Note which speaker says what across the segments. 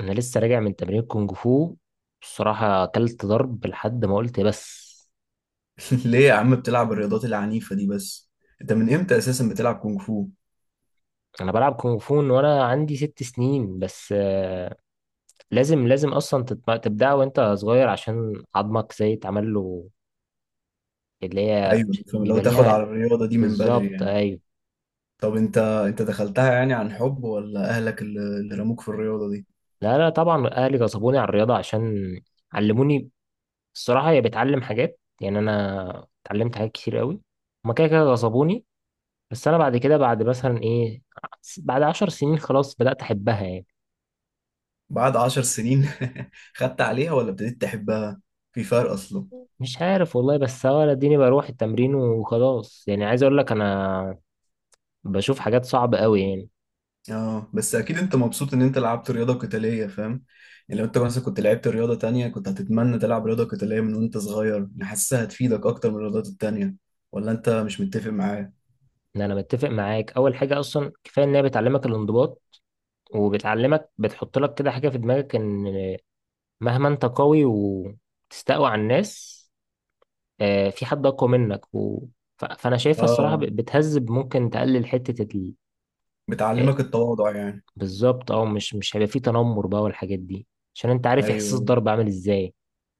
Speaker 1: انا لسه راجع من تمرين كونج فو. بصراحة اكلت ضرب لحد ما قلت بس.
Speaker 2: ليه يا عم بتلعب الرياضات العنيفة دي بس؟ انت من امتى اساسا بتلعب كونغ فو؟
Speaker 1: انا بلعب كونج فو من وانا عندي ست سنين بس لازم اصلا تبدأ وانت صغير عشان عظمك زي اتعمل له، اللي هي
Speaker 2: ايوه، لو
Speaker 1: بيبقى
Speaker 2: تاخد
Speaker 1: ليها.
Speaker 2: على الرياضة دي من بدري
Speaker 1: بالظبط
Speaker 2: يعني.
Speaker 1: ايوه.
Speaker 2: طب انت دخلتها يعني عن حب ولا اهلك اللي رموك في الرياضة دي؟
Speaker 1: لا لا، طبعا اهلي غصبوني على الرياضة عشان علموني. الصراحة هي بتعلم حاجات، يعني انا اتعلمت حاجات كتير قوي. هما كده كده غصبوني، بس انا بعد كده بعد مثلا ايه، بعد عشر سنين خلاص بدأت احبها يعني.
Speaker 2: بعد 10 سنين؟ خدت عليها ولا ابتديت تحبها؟ في فرق اصلا.
Speaker 1: مش عارف والله، بس هو أنا اديني بروح التمرين وخلاص، يعني عايز اقول لك انا بشوف حاجات صعبة قوي يعني.
Speaker 2: اه بس اكيد انت مبسوط ان انت لعبت رياضة قتالية، فاهم؟ يعني لو انت مثلا كنت لعبت رياضة تانية، كنت هتتمنى تلعب رياضة قتالية من وانت صغير، يعني حاسسها هتفيدك اكتر من الرياضات التانية؟ ولا انت مش متفق معايا؟
Speaker 1: ان انا متفق معاك، اول حاجة اصلا كفاية ان هي بتعلمك الانضباط، وبتعلمك بتحط لك كده حاجة في دماغك، ان مهما انت قوي وتستقوى على الناس في حد اقوى منك فانا شايفها الصراحة
Speaker 2: اه،
Speaker 1: بتهذب، ممكن تقلل حتة آه،
Speaker 2: بتعلمك التواضع يعني.
Speaker 1: بالظبط اه. مش هيبقى في تنمر بقى والحاجات دي، عشان انت عارف احساس
Speaker 2: ايوه،
Speaker 1: الضرب عامل ازاي.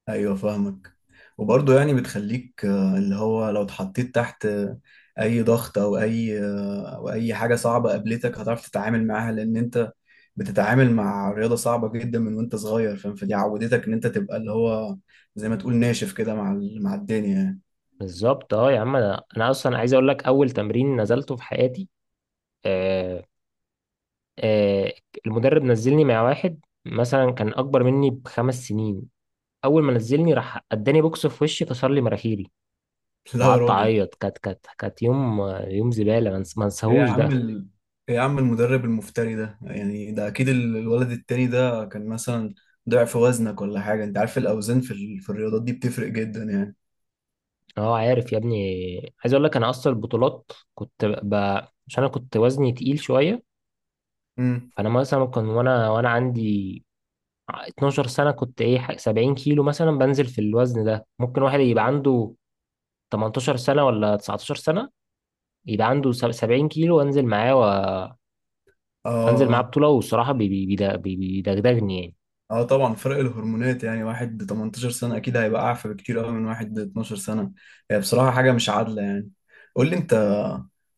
Speaker 2: ايوه فاهمك. وبرضه يعني بتخليك، اللي هو لو اتحطيت تحت اي ضغط، او اي او اي حاجه صعبه قابلتك، هتعرف تتعامل معاها، لان انت بتتعامل مع رياضه صعبه جدا من وانت صغير، فاهم؟ فدي عودتك ان انت تبقى اللي هو زي ما تقول ناشف كده مع مع الدنيا يعني.
Speaker 1: بالظبط اه. يا عم أنا اصلا عايز اقول لك، اول تمرين نزلته في حياتي آه آه المدرب نزلني مع واحد مثلا كان اكبر مني بخمس سنين. اول ما نزلني راح اداني بوكس في وشي كسر لي مناخيري،
Speaker 2: لا يا
Speaker 1: وقعدت
Speaker 2: راجل.
Speaker 1: اعيط. كانت يوم زباله، ما
Speaker 2: ايه يا
Speaker 1: انساهوش ده.
Speaker 2: عم ال... ايه يا عم المدرب المفتري ده، يعني ده اكيد الولد التاني ده كان مثلا ضعف وزنك ولا حاجة؟ انت عارف الاوزان في ال... في الرياضات دي بتفرق جدا يعني.
Speaker 1: اه عارف يا ابني، عايز اقول لك انا اصلا البطولات كنت عشان انا كنت وزني تقيل شويه.
Speaker 2: امم.
Speaker 1: فانا مثلا كان وانا عندي 12 سنة كنت ايه 70 كيلو مثلا، بنزل في الوزن ده ممكن واحد يبقى عنده 18 سنة ولا 19 سنة، يبقى عنده 70 كيلو وانزل معاه وانزل معاه
Speaker 2: اه.
Speaker 1: بطولة، والصراحة بيدغدغني يعني.
Speaker 2: اه طبعا فرق الهرمونات، يعني واحد 18 سنة اكيد هيبقى اعفى بكتير قوي من واحد 12 سنة. هي بصراحة حاجة مش عادلة يعني. قول لي انت،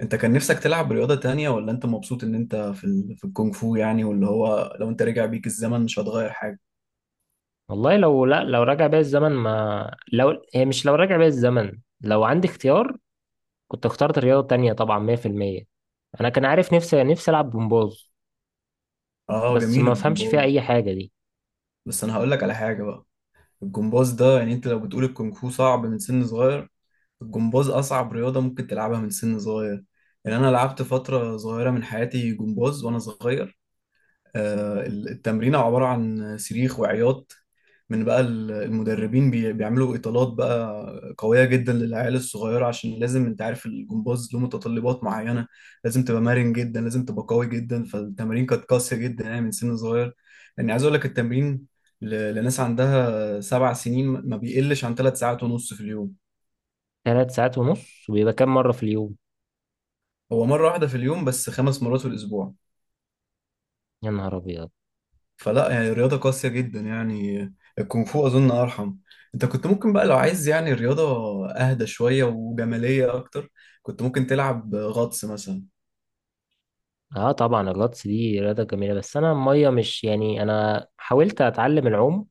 Speaker 2: انت كان نفسك تلعب رياضة تانية ولا انت مبسوط ان انت في ال... في الكونغ فو يعني؟ واللي هو لو انت رجع بيك الزمن مش هتغير حاجة؟
Speaker 1: والله لو لا لو راجع بيا الزمن ما لو هي مش لو راجع بيا الزمن، لو عندي اختيار كنت اخترت رياضة تانية طبعا 100%. انا كان عارف نفسي العب جمباز،
Speaker 2: اه
Speaker 1: بس
Speaker 2: جميل
Speaker 1: ما فهمش فيها
Speaker 2: الجمباز.
Speaker 1: اي حاجة دي.
Speaker 2: بس انا هقول لك على حاجة بقى. الجمباز ده، يعني انت لو بتقول الكونغ فو صعب من سن صغير، الجمباز اصعب رياضة ممكن تلعبها من سن صغير. يعني انا لعبت فترة صغيرة من حياتي جمباز وانا صغير. التمرين عبارة عن صريخ وعياط من بقى المدربين، بيعملوا اطالات بقى قويه جدا للعيال الصغيره، عشان لازم، انت عارف، الجمباز له متطلبات معينه، لازم تبقى مرن جدا، لازم تبقى قوي جدا، فالتمارين كانت قاسيه جدا يعني من سن صغير. يعني عايز اقول لك التمرين لناس عندها 7 سنين ما بيقلش عن 3 ساعات ونص في اليوم.
Speaker 1: ثلاث ساعات ونص؟ وبيبقى كام مرة في اليوم؟
Speaker 2: هو مره واحده في اليوم بس 5 مرات في الاسبوع.
Speaker 1: يا نهار ابيض.
Speaker 2: فلا، يعني رياضة قاسية جدا، يعني الكونغ فو أظن أرحم. أنت كنت ممكن بقى لو عايز يعني رياضة أهدى شوية وجمالية أكتر، كنت ممكن تلعب غطس مثلا.
Speaker 1: اه طبعا الغطس دي رياضة جميلة، بس انا المية مش، يعني انا حاولت اتعلم العوم،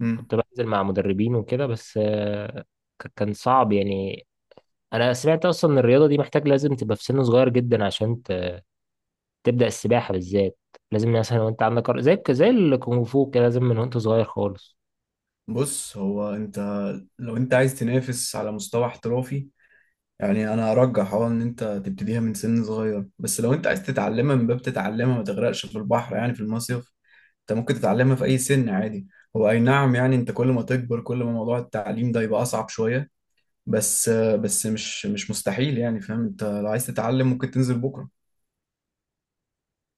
Speaker 2: مم.
Speaker 1: كنت بنزل مع مدربين وكده بس كان صعب يعني. انا سمعت اصلا ان الرياضة دي محتاج لازم تبقى في سن صغير جدا عشان تبدأ السباحة بالذات. لازم مثلا وانت عندك زي الكونغ فو كده، لازم من وانت صغير خالص.
Speaker 2: بص، هو أنت لو أنت عايز تنافس على مستوى احترافي يعني، أنا أرجح أه إن أنت تبتديها من سن صغير، بس لو أنت عايز تتعلمها من باب تتعلمها ما تغرقش في البحر يعني في المصيف، أنت ممكن تتعلمها في أي سن عادي. هو أي نعم، يعني أنت كل ما تكبر كل ما موضوع التعليم ده يبقى أصعب شوية، بس بس مش مستحيل يعني، فاهم؟ انت لو عايز تتعلم ممكن تنزل بكره.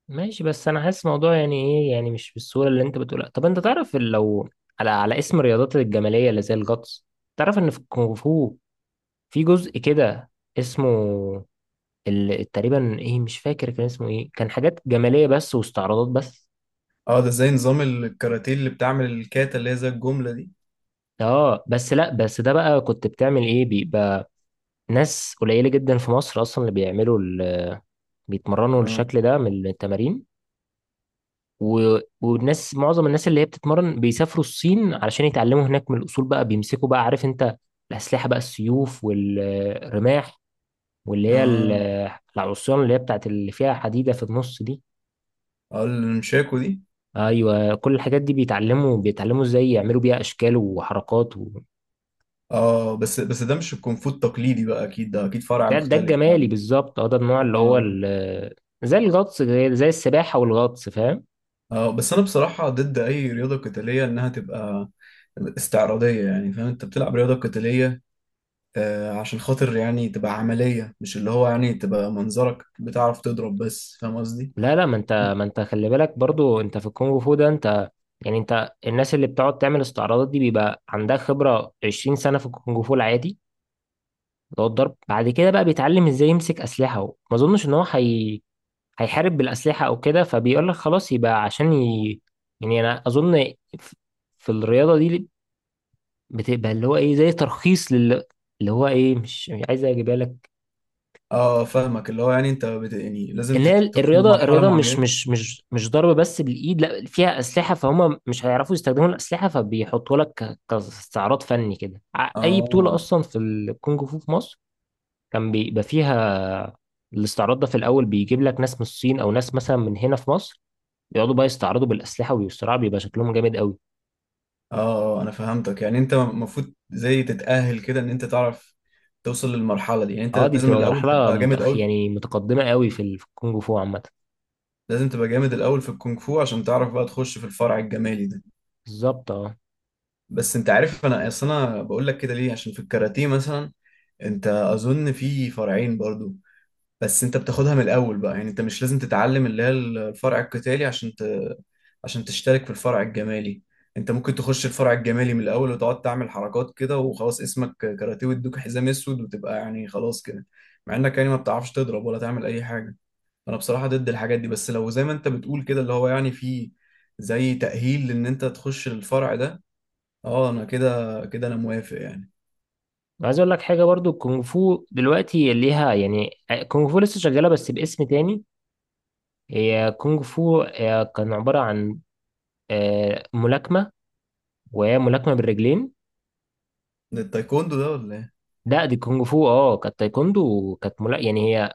Speaker 1: ماشي، بس انا حاسس الموضوع يعني ايه، يعني مش بالصورة اللي انت بتقولها. طب انت تعرف لو على اسم الرياضات الجمالية اللي زي الغطس، تعرف ان في الكونغ فو في جزء كده اسمه تقريبا ايه، مش فاكر كان اسمه ايه. كان حاجات جماليه بس واستعراضات بس.
Speaker 2: اه ده زي نظام الكاراتيه اللي بتعمل الكاتا، اللي هي زي الجمله دي.
Speaker 1: اه بس لا، بس ده بقى كنت بتعمل ايه، بيبقى ناس قليله جدا في مصر اصلا اللي بيعملوا بيتمرنوا
Speaker 2: اه.
Speaker 1: الشكل ده من التمارين. و... والناس معظم الناس اللي هي بتتمرن بيسافروا الصين علشان يتعلموا هناك من الاصول، بقى بيمسكوا بقى، عارف انت الاسلحه بقى، السيوف والرماح واللي هي
Speaker 2: اه.
Speaker 1: العصيان، اللي هي بتاعت اللي فيها حديده في النص دي.
Speaker 2: اه المشاكو دي.
Speaker 1: ايوه كل الحاجات دي بيتعلموا ازاي يعملوا بيها اشكال وحركات
Speaker 2: اه، بس بس ده مش الكونفو التقليدي بقى، اكيد ده اكيد فرع
Speaker 1: ده
Speaker 2: مختلف
Speaker 1: الجمالي
Speaker 2: يعني.
Speaker 1: بالظبط اه، ده النوع اللي هو
Speaker 2: اه.
Speaker 1: زي الغطس، زي السباحه والغطس فاهم.
Speaker 2: اه بس انا بصراحه ضد اي رياضه قتاليه انها تبقى استعراضيه، يعني فاهم؟ انت بتلعب رياضه قتاليه آه عشان خاطر يعني تبقى عمليه، مش اللي هو يعني تبقى منظرك بتعرف تضرب بس، فاهم قصدي؟
Speaker 1: لا لا، ما انت خلي بالك برضو انت في الكونغ فو ده انت، يعني انت الناس اللي بتقعد تعمل استعراضات دي بيبقى عندها خبره 20 سنه في الكونغ فو العادي، اللي هو الضرب. بعد كده بقى بيتعلم ازاي يمسك اسلحه. هو ما اظنش ان هو هيحارب بالاسلحه او كده، فبيقول لك خلاص يبقى عشان يعني انا اظن في الرياضه دي بتبقى اللي هو ايه، زي ترخيص لل، اللي هو ايه، مش عايز اجيبها لك.
Speaker 2: اه فاهمك، اللي هو يعني انت يعني
Speaker 1: ان
Speaker 2: لازم
Speaker 1: هي
Speaker 2: توصل
Speaker 1: الرياضه
Speaker 2: لمرحلة
Speaker 1: الرياضه مش
Speaker 2: معينة.
Speaker 1: مش مش مش ضرب بس بالايد، لا فيها اسلحه، فهم مش هيعرفوا يستخدموا الاسلحه، فبيحطوا لك كاستعراض فني كده. اي بطوله
Speaker 2: اه.
Speaker 1: اصلا في الكونج فو في مصر كان بيبقى فيها الاستعراض ده في الاول، بيجيب لك ناس من الصين او ناس مثلا من هنا في مصر، بيقعدوا بقى يستعرضوا بالاسلحه ويصراعوا، بيبقى شكلهم جامد قوي.
Speaker 2: اه. انا فهمتك، يعني انت المفروض زي تتأهل كده ان انت تعرف توصل للمرحلة دي، يعني انت
Speaker 1: اه دي
Speaker 2: لازم
Speaker 1: بتبقى
Speaker 2: الاول
Speaker 1: مرحله
Speaker 2: تبقى جامد قوي.
Speaker 1: يعني متقدمه قوي في في الكونج فو عامه.
Speaker 2: لازم تبقى جامد الاول في الكونغ فو عشان تعرف بقى تخش في الفرع الجمالي ده.
Speaker 1: بالظبط اه.
Speaker 2: بس انت عارف انا اصل انا بقول لك كده ليه؟ عشان في الكاراتيه مثلا، انت اظن في فرعين برضو، بس انت بتاخدها من الاول بقى يعني، انت مش لازم تتعلم اللي هي الفرع القتالي عشان عشان تشترك في الفرع الجمالي. انت ممكن تخش الفرع الجمالي من الاول وتقعد تعمل حركات كده وخلاص، اسمك كاراتيه ويدوك حزام اسود وتبقى يعني خلاص كده، مع انك يعني ما بتعرفش تضرب ولا تعمل اي حاجه. انا بصراحه ضد الحاجات دي، بس لو زي ما انت بتقول كده اللي هو يعني في زي تأهيل لان انت تخش الفرع ده، اه انا كده كده انا موافق يعني.
Speaker 1: عايز اقول لك حاجه برضو. الكونغ فو دلوقتي ليها يعني، كونغ فو لسه شغاله بس باسم تاني. هي كونغ فو كان عباره عن ملاكمه، وهي ملاكمه بالرجلين.
Speaker 2: ده التايكوندو ده ولا؟
Speaker 1: لا دي كونغ فو، اه كانت تايكوندو، وكانت يعني هي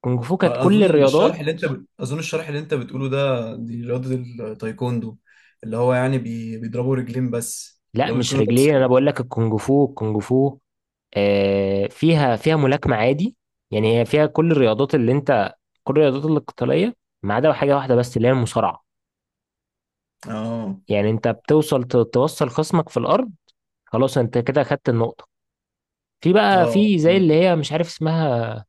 Speaker 1: كونغ فو كانت كل
Speaker 2: اظن الشرح
Speaker 1: الرياضات.
Speaker 2: اللي انت اظن الشرح اللي انت بتقوله ده، دي رياضه التايكوندو، اللي هو يعني بيضربوا رجلين بس
Speaker 1: لا
Speaker 2: لو
Speaker 1: مش
Speaker 2: بيكونوا
Speaker 1: رجلين، انا
Speaker 2: لابسين.
Speaker 1: بقول لك الكونغ فو فيها ملاكمه عادي. يعني هي فيها كل الرياضات اللي انت، كل الرياضات القتاليه، ما عدا حاجه واحده بس اللي هي المصارعه.
Speaker 2: اه.
Speaker 1: يعني انت بتوصل توصل خصمك في الارض، خلاص انت كده خدت النقطة. في بقى،
Speaker 2: اه
Speaker 1: في زي اللي
Speaker 2: فهمتك.
Speaker 1: هي مش عارف اسمها،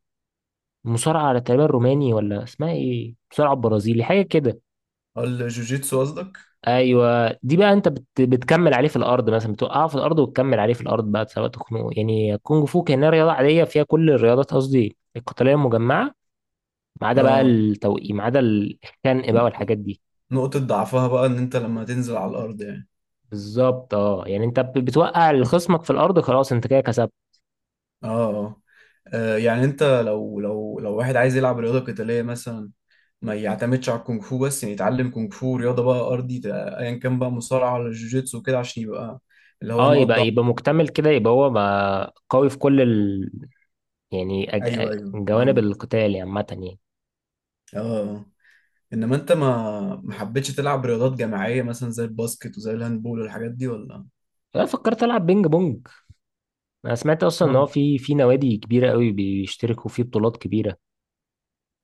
Speaker 1: مصارعة على تقريبا روماني ولا اسمها ايه، مصارعة برازيلي حاجة كده.
Speaker 2: اه الجوجيتسو قصدك.
Speaker 1: ايوه دي بقى انت بتكمل عليه في الارض، مثلا بتوقعه في الارض وتكمل عليه في الارض بقى، سواء تخنقه. يعني كونج فو كأنها رياضة عادية فيها كل الرياضات، قصدي القتالية المجمعة، ما عدا بقى
Speaker 2: اه،
Speaker 1: التوقيع، ما عدا الخنق بقى والحاجات دي.
Speaker 2: نقطه ضعفها بقى ان انت لما تنزل على الارض يعني.
Speaker 1: بالظبط اه، يعني انت بتوقع خصمك في الارض، خلاص انت كده كسبت.
Speaker 2: اه. اه. يعني انت لو واحد عايز يلعب رياضه قتاليه مثلا، ما يعتمدش على الكونغ فو بس، يعني يتعلم كونغ فو، رياضه بقى ارضي، ايا كان بقى مصارعه ولا جوجيتسو كده، عشان يبقى اللي هو
Speaker 1: اه
Speaker 2: نقط
Speaker 1: يبقى
Speaker 2: ضعف.
Speaker 1: يبقى مكتمل كده. يبقى هو ما قوي في كل، يعني
Speaker 2: ايوه، ايوه
Speaker 1: جوانب
Speaker 2: فاهمك.
Speaker 1: القتال يعني عامة يعني.
Speaker 2: اه آه. انما انت ما حبيتش تلعب رياضات جماعيه مثلا زي الباسكت وزي الهاندبول والحاجات دي ولا؟
Speaker 1: أنا فكرت ألعب بينج بونج. أنا سمعت أصلا إن هو
Speaker 2: اه.
Speaker 1: في نوادي كبيرة قوي بيشتركوا في بطولات كبيرة،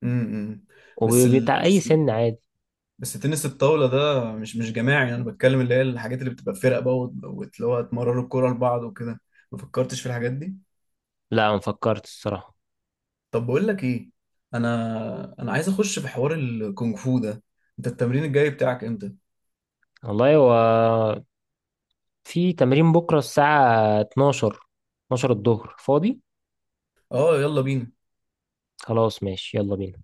Speaker 2: امم. بس ال...
Speaker 1: وبتاع أي سن عادي.
Speaker 2: بس تنس الطاوله ده مش جماعي، انا بتكلم اللي هي الحاجات اللي بتبقى فرق بقى اللي هو تمرروا الكوره لبعض وكده. ما فكرتش في الحاجات دي؟
Speaker 1: لا ما فكرت الصراحة.
Speaker 2: طب بقول لك ايه، انا عايز اخش في حوار الكونغ فو ده. انت التمرين الجاي بتاعك امتى؟
Speaker 1: والله هو في تمرين بكرة الساعة 12، 12 الظهر فاضي.
Speaker 2: اه يلا بينا.
Speaker 1: خلاص ماشي يلا بينا.